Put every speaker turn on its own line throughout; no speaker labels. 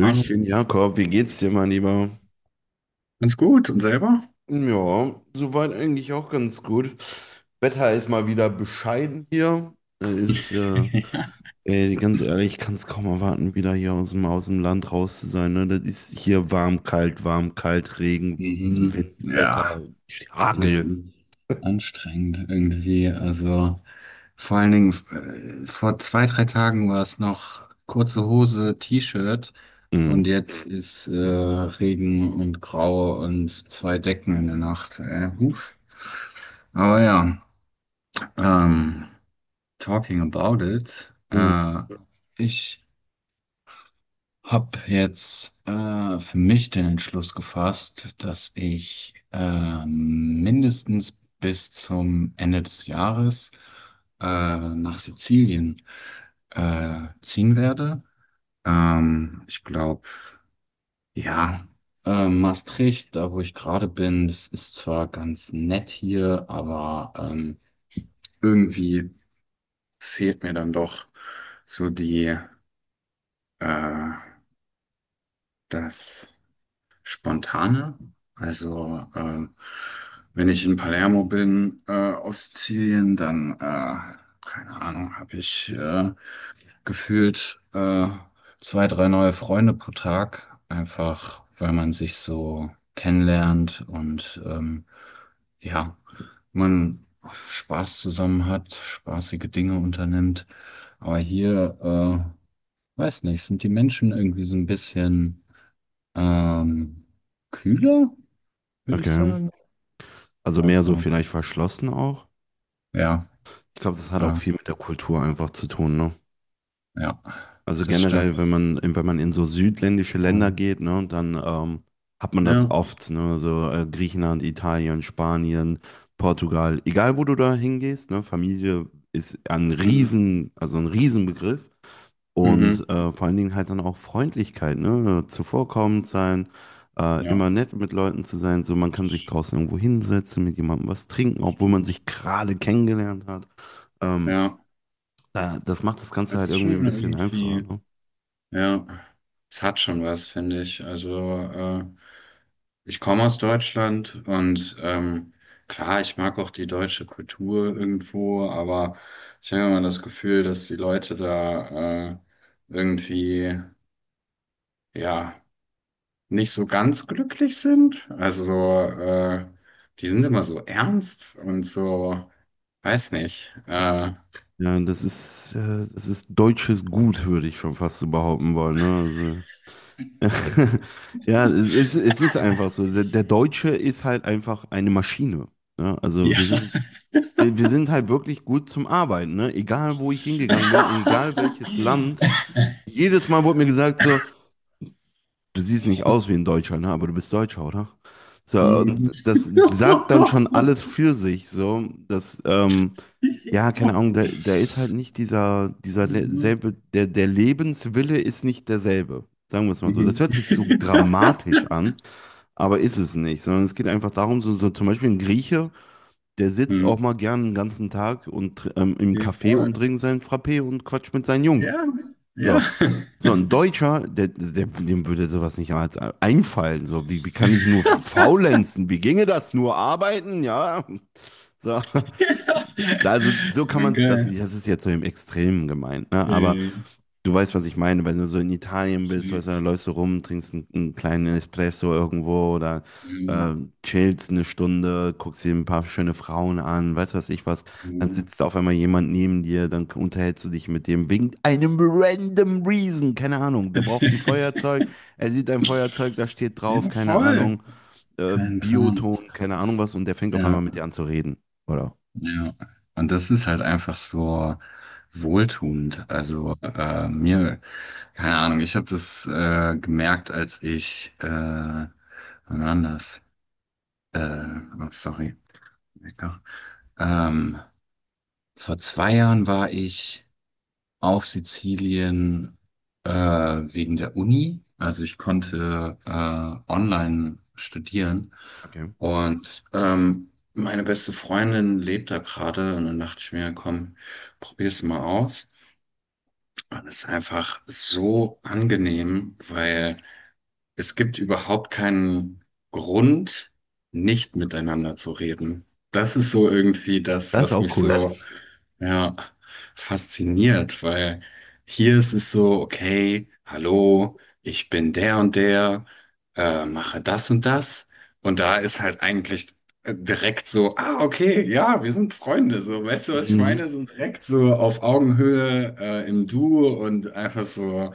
Hallo,
Jakob, wie geht's dir, mein Lieber?
ganz gut. Und selber?
Ja, soweit eigentlich auch ganz gut. Wetter ist mal wieder bescheiden hier. Äh, Ist, äh,
Ja.
Ey, ganz ehrlich, ich kann es kaum erwarten, wieder hier aus dem Land raus zu sein. Ne? Das ist hier warm, kalt, Regen, Wind,
Mhm. Ja,
Wetter,
das
Hagel.
ist anstrengend irgendwie. Also vor allen Dingen vor zwei, drei Tagen war es noch kurze Hose, T-Shirt
Mhm.
und jetzt ist Regen und Grau und zwei Decken in der Nacht. Huf. Aber ja, ähm, talking about it.
Mhm.
Ich hab jetzt für mich den Entschluss gefasst, dass ich mindestens bis zum Ende des Jahres äh, nach Sizilien ziehen werde. Ich glaube, ja, Maastricht, da wo ich gerade bin, das ist zwar ganz nett hier, aber irgendwie fehlt mir dann doch so äh, das Spontane. Also wenn ich in Palermo bin, auf Sizilien, dann, keine Ahnung, habe ich gefühlt zwei, drei neue Freunde pro Tag, einfach weil man sich so kennenlernt und ja, man Spaß zusammen hat, spaßige Dinge unternimmt. Aber hier, weiß nicht, sind die Menschen irgendwie so ein bisschen ähm, kühler, würde ich
Okay.
sagen.
Also mehr so
Also,
vielleicht verschlossen auch.
ja,
Ich glaube, das hat auch
äh,
viel mit der Kultur einfach zu tun, ne?
ja,
Also
das stimmt.
generell, wenn man in so südländische Länder
Ähm,
geht, ne, dann hat man das
Ja,
oft, ne, so Griechenland, Italien, Spanien, Portugal, egal wo du da hingehst, ne, Familie ist
Mhm.
Also ein Riesenbegriff, und
Mhm.
vor allen Dingen halt dann auch Freundlichkeit, ne, zuvorkommend sein,
Ja,
immer nett mit Leuten zu sein, so man kann sich
das
draußen irgendwo hinsetzen, mit jemandem was trinken, obwohl man
stimmt.
sich gerade kennengelernt hat. Ähm,
Ja,
Das macht das Ganze
das
halt
ist schon
irgendwie ein bisschen einfacher,
irgendwie,
ne?
ja, es hat schon was, finde ich. Also, ich komme aus Deutschland und klar, ich mag auch die deutsche Kultur irgendwo, aber ich habe immer das Gefühl, dass die Leute da irgendwie, ja, nicht so ganz glücklich sind. Also, so, die sind immer so ernst und so, weiß nicht. Äh,
Ja, das ist deutsches Gut, würde ich schon fast so behaupten wollen, ne? Also, ja, es ist einfach so. Der Deutsche ist halt einfach eine Maschine. Ne? Also
ja.
wir sind halt wirklich gut zum Arbeiten, ne? Egal wo ich hingegangen bin, egal welches Land. Jedes Mal wurde mir gesagt so: du siehst nicht aus wie ein Deutscher, ne? Aber du bist Deutscher, oder? So,
Hm.
und das sagt dann schon alles für sich, so, dass, ja, keine Ahnung, da ist halt nicht dieser
Mhm.
selbe, der Lebenswille ist nicht derselbe. Sagen wir es mal so. Das
Mhm.
hört sich so dramatisch an, aber ist es nicht, sondern es geht einfach darum, so, so zum Beispiel ein Grieche, der sitzt
Hm.
auch mal gern den ganzen Tag und im
Geh
Café und
vor.
trinkt seinen Frappé und quatscht mit seinen Jungs.
Ja, ja.
So, so ein Deutscher, dem würde sowas nicht als einfallen. So, wie kann ich nur faulenzen? Wie ginge das? Nur arbeiten? Ja. So.
Ja.
Also so kann man, das,
Danke.
das ist jetzt so im Extremen gemeint, ne? Aber
Hey,
du weißt, was ich meine, wenn du so in Italien bist, weißt du,
safe.
dann läufst du rum, trinkst einen kleinen Espresso irgendwo oder äh,
Ähm,
chillst 1 Stunde, guckst dir ein paar schöne Frauen an, weißt du, was ich was, dann
hm.
sitzt auf einmal jemand neben dir, dann unterhältst du dich mit dem wegen einem random Reason, keine Ahnung, der braucht ein Feuerzeug, er sieht ein Feuerzeug, da steht drauf,
Ja,
keine
voll.
Ahnung,
Kein Plan.
Bioton, keine Ahnung was, und der fängt auf
Ja,
einmal mit dir an zu reden. Oder.
ja. Und das ist halt einfach so wohltuend. Also mir, keine Ahnung, ich habe das gemerkt, als ich, wann war denn das? Äh, oh, sorry, Wecker. Ähm, vor 2 Jahren war ich auf Sizilien wegen der Uni. Also ich konnte online studieren
Okay.
und meine beste Freundin lebt da gerade und dann dachte ich mir, komm, probier's mal aus. Und es ist einfach so angenehm, weil es gibt überhaupt keinen Grund, nicht miteinander zu reden. Das ist so irgendwie das,
Das ist
was
auch
mich
cool.
so ja, fasziniert, weil hier ist es so, okay, hallo, ich bin der und der, mache das und das. Und da ist halt eigentlich direkt so, ah, okay, ja, wir sind Freunde, so, weißt du, was ich
Mhm.
meine? So direkt so auf Augenhöhe, im Du und einfach so,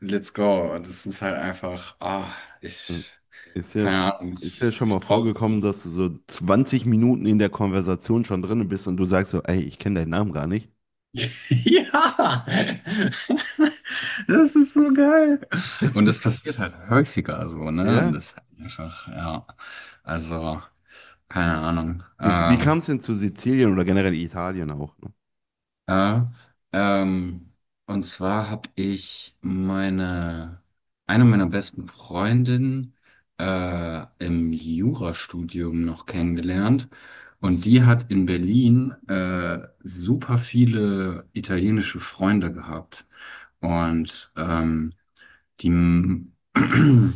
let's go. Und es ist halt einfach, ah, ich,
Ist ja,
keine Ahnung,
ist ja
ich,
schon mal
ich brauche
vorgekommen,
sowas.
dass du so 20 Minuten in der Konversation schon drin bist und du sagst so, ey, ich kenne deinen Namen gar nicht.
Ja! Das ist so geil. Und das passiert halt häufiger so, ne? Und
Ja.
das ist halt einfach, ja. Also, keine Ahnung.
Wie kam es denn zu Sizilien oder generell Italien auch? Ne?
Äh, ähm, und zwar habe ich eine meiner besten Freundinnen im Jurastudium noch kennengelernt. Und die hat in Berlin super viele italienische Freunde gehabt. Und die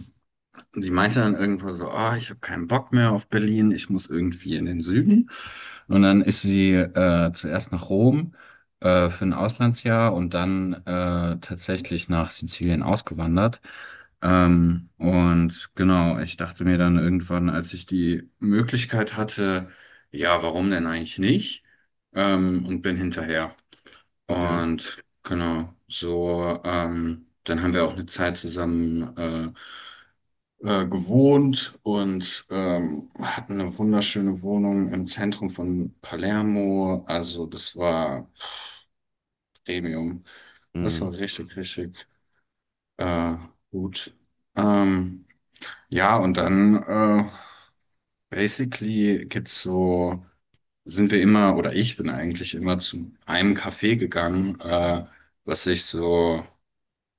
Und die meinte dann irgendwo so, ah, ich habe keinen Bock mehr auf Berlin, ich muss irgendwie in den Süden. Und dann ist sie zuerst nach Rom für ein Auslandsjahr und dann tatsächlich nach Sizilien ausgewandert. Und genau, ich dachte mir dann irgendwann, als ich die Möglichkeit hatte, ja, warum denn eigentlich nicht? Und bin hinterher.
Okay.
Und genau, so, dann haben wir auch eine Zeit zusammen gewohnt und hatten eine wunderschöne Wohnung im Zentrum von Palermo. Also das war Premium. Das
Mhm.
war richtig, richtig äh, gut. Ähm, ja, und dann basically gibt's so, oder ich bin eigentlich immer zu einem Café gegangen, was ich so,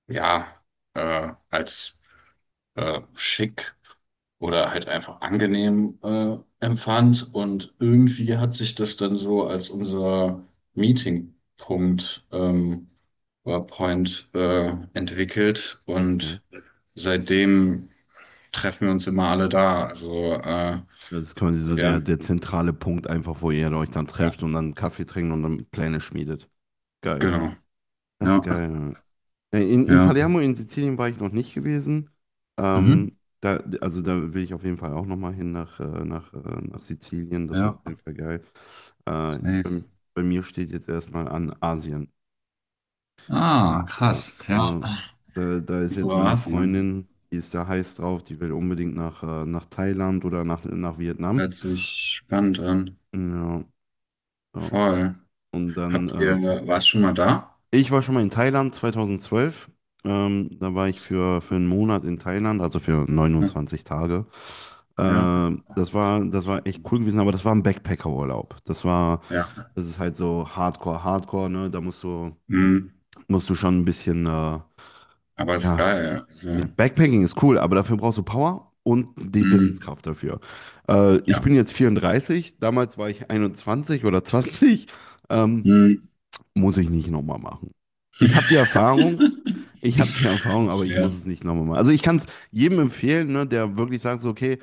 ja, als schick oder halt einfach angenehm empfand. Und irgendwie hat sich das dann so als unser Meetingpunkt oder Point entwickelt.
Okay.
Und seitdem treffen wir uns immer alle da. Also ja,
Das ist quasi so der,
ja,
der zentrale Punkt einfach, wo ihr euch dann
ja,
trefft und dann Kaffee trinkt und dann Pläne schmiedet. Geil.
genau.
Das ist
Ja,
geil. In
ja.
Palermo in Sizilien war ich noch nicht gewesen.
Mhm.
Also da will ich auf jeden Fall auch nochmal hin nach Sizilien. Das wäre auf jeden
Ja,
Fall geil. Äh,
safe.
bei, bei mir steht jetzt erstmal an Asien.
Ah,
Ja,
krass. Ja.
also da ist jetzt meine
Kroatien.
Freundin, die ist da heiß drauf, die will unbedingt nach Thailand oder nach Vietnam.
Hört sich spannend an.
Ja, ja.
Voll.
Und
Habt
dann
ihr, war es schon mal da?
ich war schon mal in Thailand 2012. Da war ich für 1 Monat in Thailand, also für 29 Tage.
Ja.
Das war echt cool gewesen, aber das war ein Backpacker-Urlaub. Das war,
Ja.
das ist halt so Hardcore, Hardcore, ne? Da musst du,
Mhm.
musst du schon ein bisschen,
Aber ist
ja,
geil. Ja.
ja,
Also,
Backpacking ist cool, aber dafür brauchst du Power und die
mhm.
Willenskraft dafür. Ich
Ja.
bin jetzt 34. Damals war ich 21 oder 20. Ähm,
Mhm.
Muss ich nicht nochmal machen. Ich habe die Erfahrung, ich habe die Erfahrung, aber ich muss
Ja.
es nicht nochmal machen. Also ich kann es jedem empfehlen, ne, der wirklich sagt, so, okay,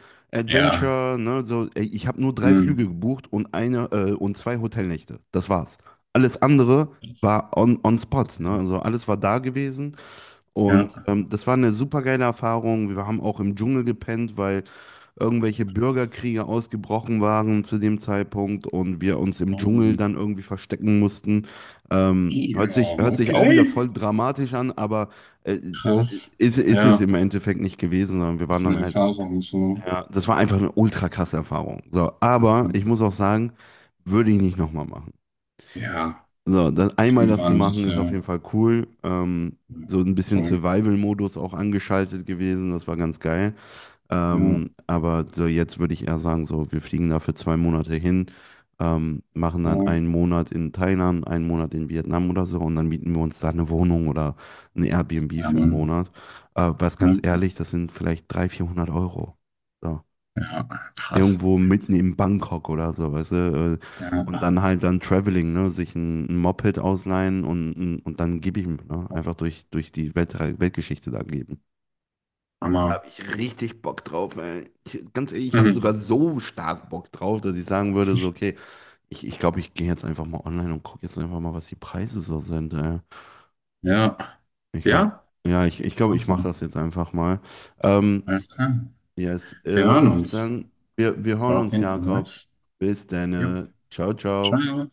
Ja.
Adventure, ne, so, ey, ich habe nur drei Flüge
Mhm.
gebucht und zwei Hotelnächte. Das war's. Alles andere
Das-
war on spot,
Ja.
ne? Also alles war da gewesen, und
Ja.
das war eine super geile Erfahrung. Wir haben auch im Dschungel gepennt, weil irgendwelche
Das.
Bürgerkriege ausgebrochen waren zu dem Zeitpunkt und wir uns im Dschungel
Oh.
dann irgendwie verstecken mussten. Ähm, hört
Ja,
sich, hört sich auch wieder
okay.
voll dramatisch an, aber äh,
Krass.
ist es
Ja.
im Endeffekt nicht gewesen, sondern wir waren
Ist eine
dann halt,
Erfahrung so.
ja, das war einfach eine ultra krasse Erfahrung. So, aber ich muss auch sagen, würde ich nicht nochmal machen.
Ja.
So, einmal das zu
Irgendwann
machen
ist
ist auf jeden
ja
Fall cool. So ein bisschen
voll.
Survival-Modus auch angeschaltet gewesen, das war ganz geil.
Ja.
Aber so jetzt würde ich eher sagen, so, wir fliegen da für 2 Monate hin, machen dann
Voll.
1 Monat in Thailand, 1 Monat in Vietnam oder so, und dann mieten wir uns da eine Wohnung oder ein Airbnb
Ja,
für einen
Mann.
Monat. Was ganz
Ja.
ehrlich, das sind vielleicht 300, 400 Euro. So.
Ja. Krass.
Irgendwo mitten in Bangkok oder so, weißt du? Und
Ja.
dann halt dann Traveling, ne? Sich ein Moped ausleihen und dann gib ihm, ne? Einfach durch die Welt, Weltgeschichte da geben.
Hammer.
Habe ich richtig Bock drauf, ey. Ich, ganz ehrlich, ich habe sogar
Mhm.
so stark Bock drauf, dass ich sagen würde, so, okay, ich glaube, ich gehe jetzt einfach mal online und gucke jetzt einfach mal, was die Preise so sind, ey.
Ja.
Ich glaube,
Ja.
ja, ich glaube, ich
Mach
mache
mal.
das jetzt einfach mal. Ähm,
Alles klar.
yes,
Wir hören
ich würde
uns.
sagen, wir hören
War auf
uns,
jeden Fall
Jakob.
nice.
Bis dann.
Ja.
Ciao, ciao.
Ciao.